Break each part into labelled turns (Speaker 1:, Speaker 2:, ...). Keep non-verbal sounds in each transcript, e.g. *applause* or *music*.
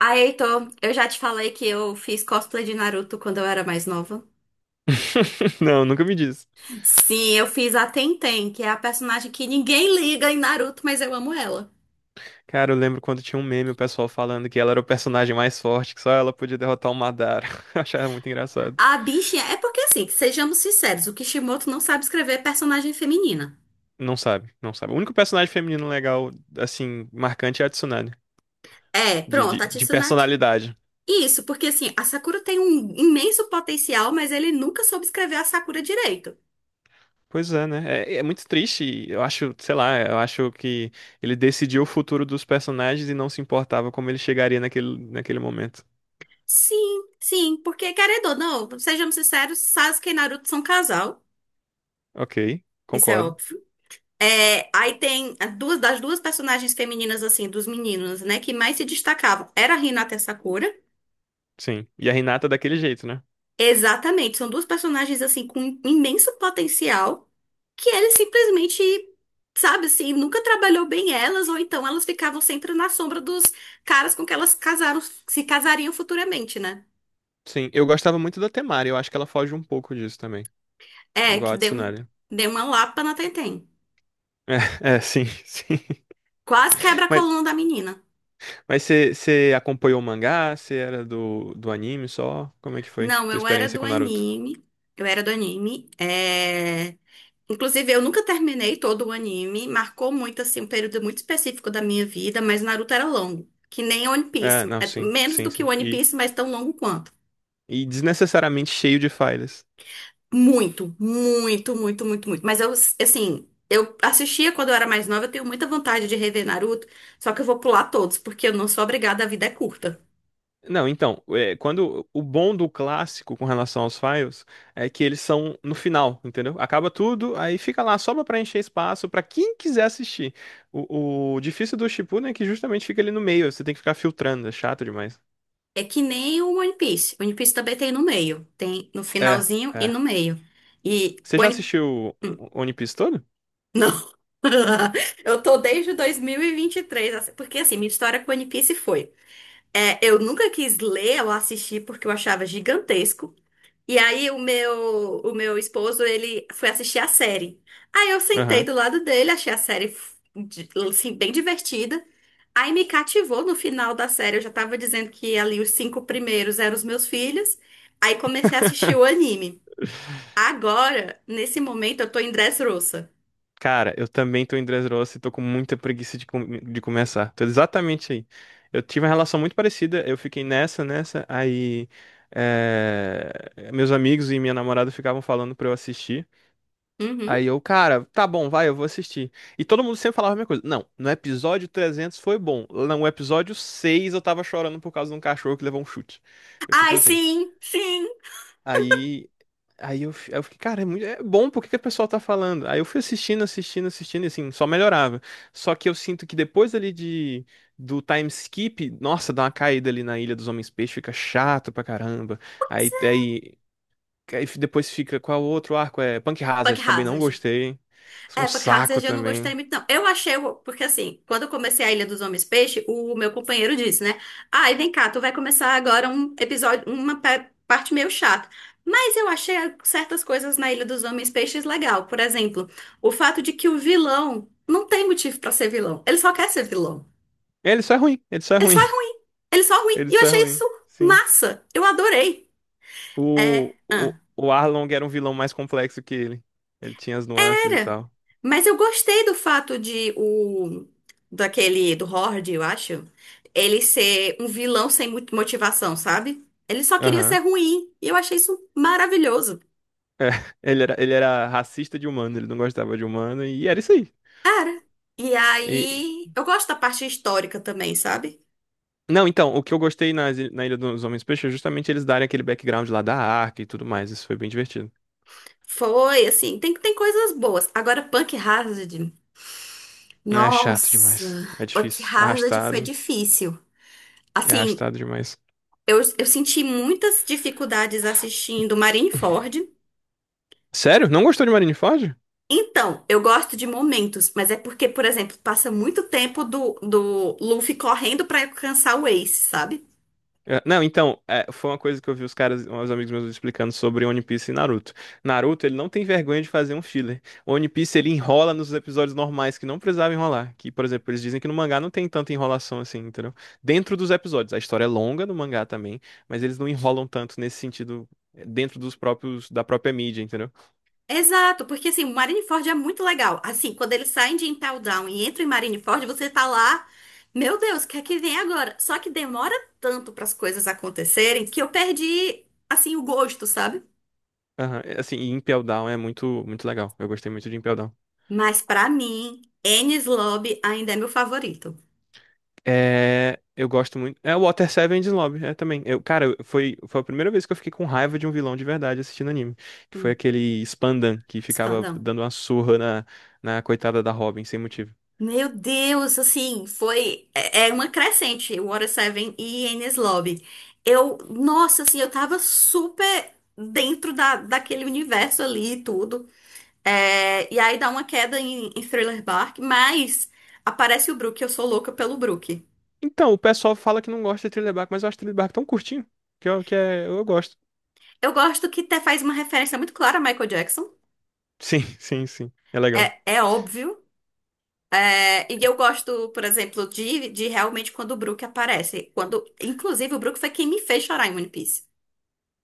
Speaker 1: Aí, Heitor, eu já te falei que eu fiz cosplay de Naruto quando eu era mais nova.
Speaker 2: *laughs* Não, nunca me disse.
Speaker 1: Sim, eu fiz a Tenten, que é a personagem que ninguém liga em Naruto, mas eu amo ela.
Speaker 2: Cara, eu lembro quando tinha um meme, o pessoal falando que ela era o personagem mais forte, que só ela podia derrotar o Madara. *laughs* Eu achava muito engraçado.
Speaker 1: A bichinha. É porque, assim, sejamos sinceros, o Kishimoto não sabe escrever personagem feminina.
Speaker 2: Não sabe, não sabe. O único personagem feminino legal, assim, marcante é a Tsunade,
Speaker 1: É,
Speaker 2: de, de,
Speaker 1: pronto, a
Speaker 2: de
Speaker 1: Tsunade.
Speaker 2: personalidade.
Speaker 1: Isso, porque, assim, a Sakura tem um imenso potencial, mas ele nunca soube escrever a Sakura direito.
Speaker 2: Pois é, né? É muito triste. E eu acho, sei lá, eu acho que ele decidiu o futuro dos personagens e não se importava como ele chegaria naquele momento.
Speaker 1: Sim, sim, porque, querendo ou não, sejamos sinceros, Sasuke e Naruto são casal.
Speaker 2: Ok,
Speaker 1: Isso é
Speaker 2: concordo.
Speaker 1: óbvio. É, aí tem as duas das duas personagens femininas, assim, dos meninos, né, que mais se destacavam. Era a Hinata e a Sakura.
Speaker 2: Sim. E a Hinata daquele jeito, né?
Speaker 1: Exatamente, são duas personagens, assim, com imenso potencial, que ele simplesmente, sabe, assim, nunca trabalhou bem elas, ou então elas ficavam sempre na sombra dos caras com que elas casaram, se casariam futuramente, né?
Speaker 2: Sim, eu gostava muito da Temari, eu acho que ela foge um pouco disso também.
Speaker 1: É,
Speaker 2: Igual
Speaker 1: que
Speaker 2: a
Speaker 1: deu,
Speaker 2: Tsunade. *laughs*
Speaker 1: deu uma lapa na Tenten.
Speaker 2: É, é, sim, *laughs* sim.
Speaker 1: Quase quebra a
Speaker 2: Mas,
Speaker 1: coluna da menina.
Speaker 2: mas você acompanhou o mangá? Você era do anime só? Como é que foi
Speaker 1: Não,
Speaker 2: tua
Speaker 1: eu era
Speaker 2: experiência
Speaker 1: do
Speaker 2: com Naruto?
Speaker 1: anime. Eu era do anime. É... Inclusive, eu nunca terminei todo o anime, marcou muito, assim, um período muito específico da minha vida, mas Naruto era longo, que nem One
Speaker 2: É,
Speaker 1: Piece.
Speaker 2: não,
Speaker 1: É
Speaker 2: sim,
Speaker 1: menos
Speaker 2: sim,
Speaker 1: do que
Speaker 2: sim.
Speaker 1: One
Speaker 2: E,
Speaker 1: Piece, mas tão longo quanto.
Speaker 2: e desnecessariamente cheio de falhas.
Speaker 1: Muito, muito, muito, muito, muito. Mas eu, assim, eu assistia quando eu era mais nova, eu tenho muita vontade de rever Naruto, só que eu vou pular todos, porque eu não sou obrigada, a vida é curta.
Speaker 2: Não, então, é, quando o bom do clássico com relação aos files é que eles são no final, entendeu? Acaba tudo, aí fica lá só pra preencher espaço pra quem quiser assistir. O difícil do Shippuden é que justamente fica ali no meio, você tem que ficar filtrando, é chato demais.
Speaker 1: É que nem o One Piece, o One Piece também tem no meio, tem no
Speaker 2: É,
Speaker 1: finalzinho e
Speaker 2: é.
Speaker 1: no meio. E
Speaker 2: Você
Speaker 1: o
Speaker 2: já
Speaker 1: One
Speaker 2: assistiu o One Piece todo?
Speaker 1: Não. *laughs* Eu tô desde 2023, assim, porque assim, minha história com One Piece foi. É, eu nunca quis ler ou assistir porque eu achava gigantesco. E aí o meu esposo, ele foi assistir a série. Aí eu sentei
Speaker 2: Aham.
Speaker 1: do lado dele, achei a série assim, bem divertida. Aí me cativou no final da série. Eu já tava dizendo que ali os cinco primeiros eram os meus filhos. Aí comecei a assistir o anime. Agora, nesse momento, eu tô em Dressrosa.
Speaker 2: Cara, eu também tô em Dressrosa e tô com muita preguiça de começar. Tô exatamente aí. Eu tive uma relação muito parecida, eu fiquei nessa, aí é, meus amigos e minha namorada ficavam falando pra eu assistir.
Speaker 1: Uhum.
Speaker 2: Aí eu, cara, tá bom, vai, eu vou assistir. E todo mundo sempre falava a mesma coisa. Não, no episódio 300 foi bom. No episódio 6 eu tava chorando por causa de um cachorro que levou um chute. Eu, tipo
Speaker 1: Ai,
Speaker 2: assim,
Speaker 1: sim, sim.
Speaker 2: Aí, aí eu fiquei, cara, é muito, é bom, por que que o pessoal tá falando? Aí eu fui assistindo, assistindo, assistindo, e assim, só melhorava. Só que eu sinto que depois ali do time skip, nossa, dá uma caída ali na Ilha dos Homens Peixes, fica chato pra caramba. Aí, aí, aí depois fica, qual o outro arco? É Punk
Speaker 1: Bug
Speaker 2: Hazard, também não
Speaker 1: Hazard.
Speaker 2: gostei. Um
Speaker 1: É, Bug
Speaker 2: saco
Speaker 1: Hazard eu não gostei
Speaker 2: também.
Speaker 1: muito, não. Eu achei, porque assim, quando eu comecei a Ilha dos Homens Peixe, o meu companheiro disse, né? Ai, vem cá, tu vai começar agora um episódio, uma parte meio chata. Mas eu achei certas coisas na Ilha dos Homens Peixes legal. Por exemplo, o fato de que o vilão não tem motivo pra ser vilão. Ele só quer ser vilão.
Speaker 2: Ele só é ruim, ele só é
Speaker 1: Ele
Speaker 2: ruim,
Speaker 1: só é ruim. Ele só é
Speaker 2: *laughs*
Speaker 1: ruim.
Speaker 2: ele
Speaker 1: E eu
Speaker 2: só é
Speaker 1: achei
Speaker 2: ruim,
Speaker 1: isso
Speaker 2: sim.
Speaker 1: massa. Eu adorei. É.
Speaker 2: O Arlong era um vilão mais complexo que ele. Ele tinha as nuances e
Speaker 1: Era.
Speaker 2: tal.
Speaker 1: Mas eu gostei do fato de o daquele do Horde, eu acho, ele ser um vilão sem muita motivação, sabe? Ele só queria ser
Speaker 2: Aham.
Speaker 1: ruim, e eu achei isso maravilhoso.
Speaker 2: É, *laughs* ele era racista de humano, ele não gostava de humano, e era isso aí.
Speaker 1: Cara, e
Speaker 2: E-
Speaker 1: aí eu gosto da parte histórica também, sabe?
Speaker 2: não, então, o que eu gostei nas na Ilha dos Homens Peixes é justamente eles darem aquele background lá da arca e tudo mais, isso foi bem divertido.
Speaker 1: Foi assim, tem coisas boas. Agora Punk Hazard,
Speaker 2: É chato demais,
Speaker 1: nossa,
Speaker 2: é
Speaker 1: Punk
Speaker 2: difícil,
Speaker 1: Hazard foi difícil.
Speaker 2: é
Speaker 1: Assim,
Speaker 2: arrastado demais.
Speaker 1: eu senti muitas dificuldades assistindo Marineford.
Speaker 2: Sério? Não gostou de Marineford?
Speaker 1: Então, eu gosto de momentos, mas é porque, por exemplo, passa muito tempo do Luffy correndo pra alcançar o Ace, sabe?
Speaker 2: É, não, então, é, foi uma coisa que eu vi os caras, os amigos meus explicando sobre One Piece e Naruto. Naruto, ele não tem vergonha de fazer um filler. One Piece, ele enrola nos episódios normais que não precisava enrolar. Que, por exemplo, eles dizem que no mangá não tem tanta enrolação assim, entendeu? Dentro dos episódios. A história é longa no mangá também, mas eles não enrolam tanto nesse sentido é, dentro dos próprios, da própria mídia, entendeu?
Speaker 1: Exato, porque assim, o Marineford é muito legal. Assim, quando eles saem de Impel Down e entram em Marineford, você tá lá, meu Deus, o que é que vem agora? Só que demora tanto pras coisas acontecerem que eu perdi, assim, o gosto, sabe?
Speaker 2: Aham. É, assim, e Impel Down é muito, muito legal. Eu gostei muito de Impel Down.
Speaker 1: Mas pra mim, Enies Lobby ainda é meu favorito.
Speaker 2: É, eu gosto muito. É o Water Seven de Lobby, é também. Eu, cara, foi a primeira vez que eu fiquei com raiva de um vilão de verdade assistindo anime. Que foi
Speaker 1: Hum.
Speaker 2: aquele Spandan que ficava dando uma surra na coitada da Robin sem motivo.
Speaker 1: Meu Deus, assim, foi. É é uma crescente, o Water Seven e Enies Lobby. Eu, nossa, assim, eu tava super dentro daquele universo ali e tudo. É, e aí dá uma queda em Thriller Bark, mas aparece o Brook, eu sou louca pelo Brook.
Speaker 2: Então, o pessoal fala que não gosta de Thriller Bark, mas eu acho Thriller Bark tão curtinho que eu, que é, eu gosto.
Speaker 1: Eu gosto que até faz uma referência muito clara a Michael Jackson,
Speaker 2: Sim, *laughs* sim, sim. É legal.
Speaker 1: é, é óbvio. É, e eu gosto, por exemplo, de realmente quando o Brook aparece. Quando, inclusive, o Brook foi quem me fez chorar em One Piece.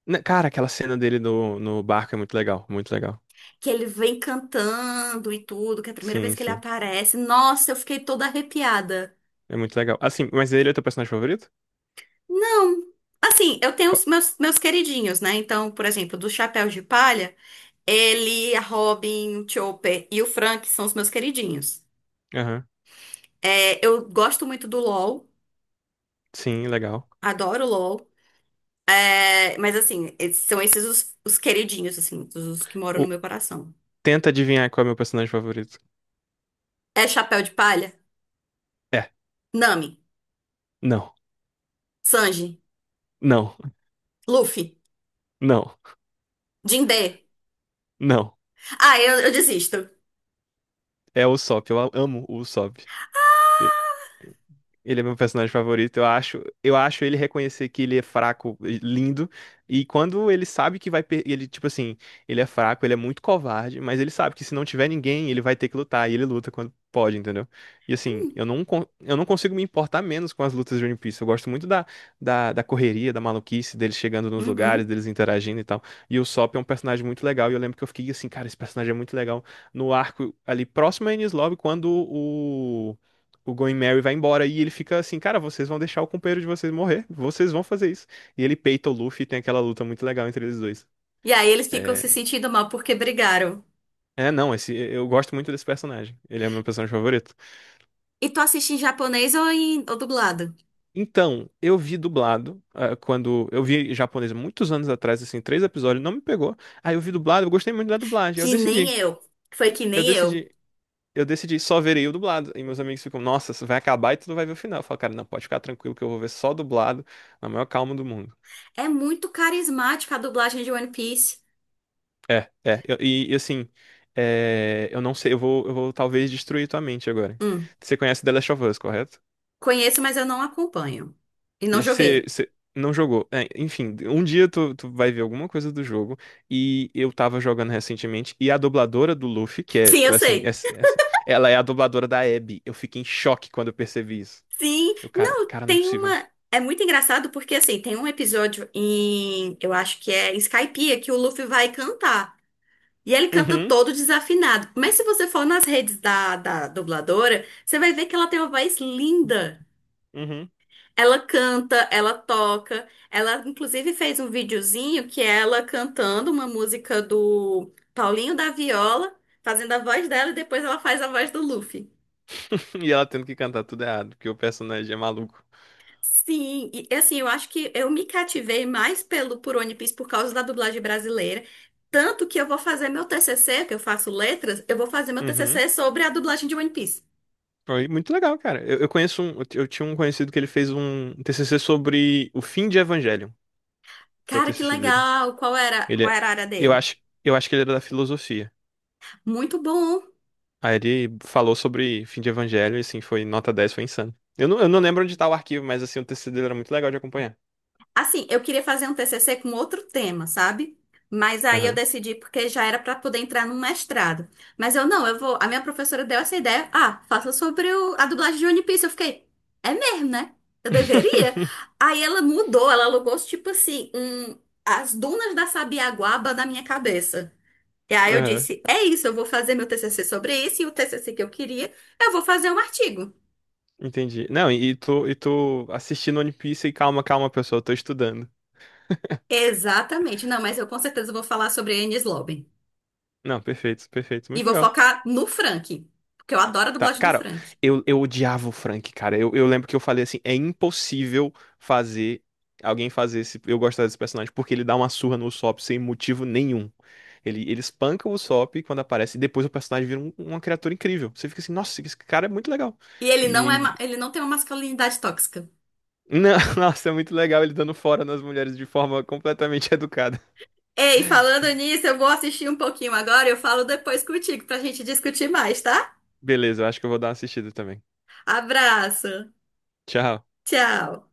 Speaker 2: Cara, aquela cena dele no barco é muito legal, muito legal.
Speaker 1: Que ele vem cantando e tudo, que é a primeira vez
Speaker 2: Sim,
Speaker 1: que ele
Speaker 2: sim.
Speaker 1: aparece. Nossa, eu fiquei toda arrepiada.
Speaker 2: É muito legal. Assim, mas ele é teu personagem favorito?
Speaker 1: Não. Assim, eu tenho
Speaker 2: Qual-
Speaker 1: os meus queridinhos, né? Então, por exemplo, do Chapéu de Palha, ele, a Robin, o Chopper e o Frank são os meus queridinhos.
Speaker 2: Aham.
Speaker 1: É, eu gosto muito do LoL,
Speaker 2: Sim, legal.
Speaker 1: adoro o LoL. É, mas assim, são esses os queridinhos, assim, os que moram no
Speaker 2: O-
Speaker 1: meu coração.
Speaker 2: Tenta adivinhar qual é o meu personagem favorito.
Speaker 1: É Chapéu de Palha,
Speaker 2: É,
Speaker 1: Nami,
Speaker 2: não,
Speaker 1: Sanji,
Speaker 2: não,
Speaker 1: Luffy,
Speaker 2: não,
Speaker 1: Jinbe.
Speaker 2: não.
Speaker 1: Ah, eu desisto.
Speaker 2: É o Usopp, eu amo o Usopp. Ele é meu personagem favorito, eu acho. Eu acho ele reconhecer que ele é fraco, e lindo. E quando ele sabe que vai ele, tipo assim, ele é fraco, ele é muito covarde, mas ele sabe que se não tiver ninguém, ele vai ter que lutar. E ele luta quando pode, entendeu? E assim,
Speaker 1: Hum.
Speaker 2: eu não consigo me importar menos com as lutas de One Piece. Eu gosto muito da correria, da maluquice, deles chegando nos lugares,
Speaker 1: Uhum.
Speaker 2: deles interagindo e tal. E o Sop é um personagem muito legal. E eu lembro que eu fiquei assim, cara, esse personagem é muito legal. No arco ali próximo a Enies Lobby, quando o Going Mary vai embora e ele fica assim, cara, vocês vão deixar o companheiro de vocês morrer, vocês vão fazer isso. E ele peita o Luffy e tem aquela luta muito legal entre eles dois.
Speaker 1: E aí eles ficam
Speaker 2: É,
Speaker 1: se sentindo mal porque brigaram.
Speaker 2: é não, esse eu gosto muito desse personagem. Ele é o meu personagem favorito.
Speaker 1: E tu assiste em japonês ou em ou dublado?
Speaker 2: Então, eu vi dublado ah, quando eu vi em japonês muitos anos atrás, assim, três episódios, não me pegou. Aí eu vi dublado, eu gostei muito da dublagem. Aí
Speaker 1: Que nem eu. Foi que
Speaker 2: eu
Speaker 1: nem eu.
Speaker 2: decidi, eu decidi só verei o dublado. E meus amigos ficam, nossa, isso vai acabar e tu não vai ver o final. Eu falo, cara, não, pode ficar tranquilo que eu vou ver só dublado, na maior calma do mundo.
Speaker 1: É muito carismática a dublagem de One Piece.
Speaker 2: É, é. E assim, é, eu não sei, eu vou talvez destruir tua mente agora.
Speaker 1: Hum,
Speaker 2: Você conhece The Last of Us, correto?
Speaker 1: conheço, mas eu não acompanho. E não
Speaker 2: Você,
Speaker 1: joguei.
Speaker 2: você não jogou. É, enfim, um dia tu vai ver alguma coisa do jogo. E eu tava jogando recentemente, e a dubladora do Luffy, que é,
Speaker 1: Sim, eu
Speaker 2: assim,
Speaker 1: sei.
Speaker 2: ela é a dubladora da Abby. Eu fiquei em choque quando eu percebi isso.
Speaker 1: Sim,
Speaker 2: Eu, cara,
Speaker 1: não,
Speaker 2: cara, não é
Speaker 1: tem
Speaker 2: possível.
Speaker 1: uma. É muito engraçado porque assim, tem um episódio em. Eu acho que é em Skypiea que o Luffy vai cantar. E ele canta
Speaker 2: Uhum,
Speaker 1: todo desafinado. Mas se você for nas redes da dubladora, você vai ver que ela tem uma voz linda.
Speaker 2: uhum.
Speaker 1: Ela canta, ela toca. Ela, inclusive, fez um videozinho que é ela cantando uma música do Paulinho da Viola, fazendo a voz dela, e depois ela faz a voz do Luffy.
Speaker 2: *laughs* E ela tendo que cantar tudo errado, porque o personagem é maluco.
Speaker 1: Sim, e assim, eu acho que eu me cativei mais pelo por One Piece por causa da dublagem brasileira. Tanto que eu vou fazer meu TCC, que eu faço letras, eu vou fazer meu
Speaker 2: Uhum.
Speaker 1: TCC sobre a dublagem de One Piece.
Speaker 2: Foi muito legal, cara. Eu tinha um conhecido que ele fez um TCC sobre o fim de Evangelion. Foi o
Speaker 1: Cara, que
Speaker 2: TCC dele.
Speaker 1: legal!
Speaker 2: Ele,
Speaker 1: Qual era a área
Speaker 2: eu
Speaker 1: dele?
Speaker 2: acho, eu acho que ele era da filosofia.
Speaker 1: Muito bom!
Speaker 2: Aí ele falou sobre fim de Evangelho e assim, foi nota 10 foi insano. Eu não lembro onde tá o arquivo, mas assim, o TCC dele era muito legal de acompanhar.
Speaker 1: Assim, eu queria fazer um TCC com outro tema, sabe? Mas aí eu
Speaker 2: Aham.
Speaker 1: decidi porque já era para poder entrar num mestrado. Mas eu não, eu vou. A minha professora deu essa ideia. Ah, faça sobre a dublagem de One Piece. Eu fiquei, é mesmo, né? Eu deveria.
Speaker 2: *laughs*
Speaker 1: Aí ela mudou, ela alugou tipo assim, um, as dunas da Sabiaguaba na minha cabeça. E aí eu
Speaker 2: Aham.
Speaker 1: disse, é isso, eu vou fazer meu TCC sobre isso e o TCC que eu queria, eu vou fazer um artigo.
Speaker 2: Entendi. Não, e tu assistindo One Piece e calma, calma, pessoal, eu tô estudando.
Speaker 1: Exatamente. Não, mas eu com certeza vou falar sobre a Enies Lobben.
Speaker 2: Não, perfeito, perfeito.
Speaker 1: E
Speaker 2: Muito
Speaker 1: vou
Speaker 2: legal.
Speaker 1: focar no Frank, porque eu adoro a
Speaker 2: Tá,
Speaker 1: dublagem do
Speaker 2: cara,
Speaker 1: Frank.
Speaker 2: eu odiava o Frank, cara. Eu lembro que eu falei assim, é impossível fazer alguém fazer esse, eu gostar desse personagem, porque ele dá uma surra no Usopp sem motivo nenhum. Ele espanca o Usopp quando aparece, e depois o personagem vira uma criatura incrível. Você fica assim, nossa, esse cara é muito legal.
Speaker 1: E ele não é,
Speaker 2: E,
Speaker 1: ele não tem uma masculinidade tóxica.
Speaker 2: não, *laughs* nossa, é muito legal ele dando fora nas mulheres de forma completamente *laughs* educada.
Speaker 1: Ei, falando nisso, eu vou assistir um pouquinho agora, eu falo depois contigo pra gente discutir mais, tá?
Speaker 2: Beleza, eu acho que eu vou dar uma assistida também.
Speaker 1: Abraço.
Speaker 2: Tchau.
Speaker 1: Tchau.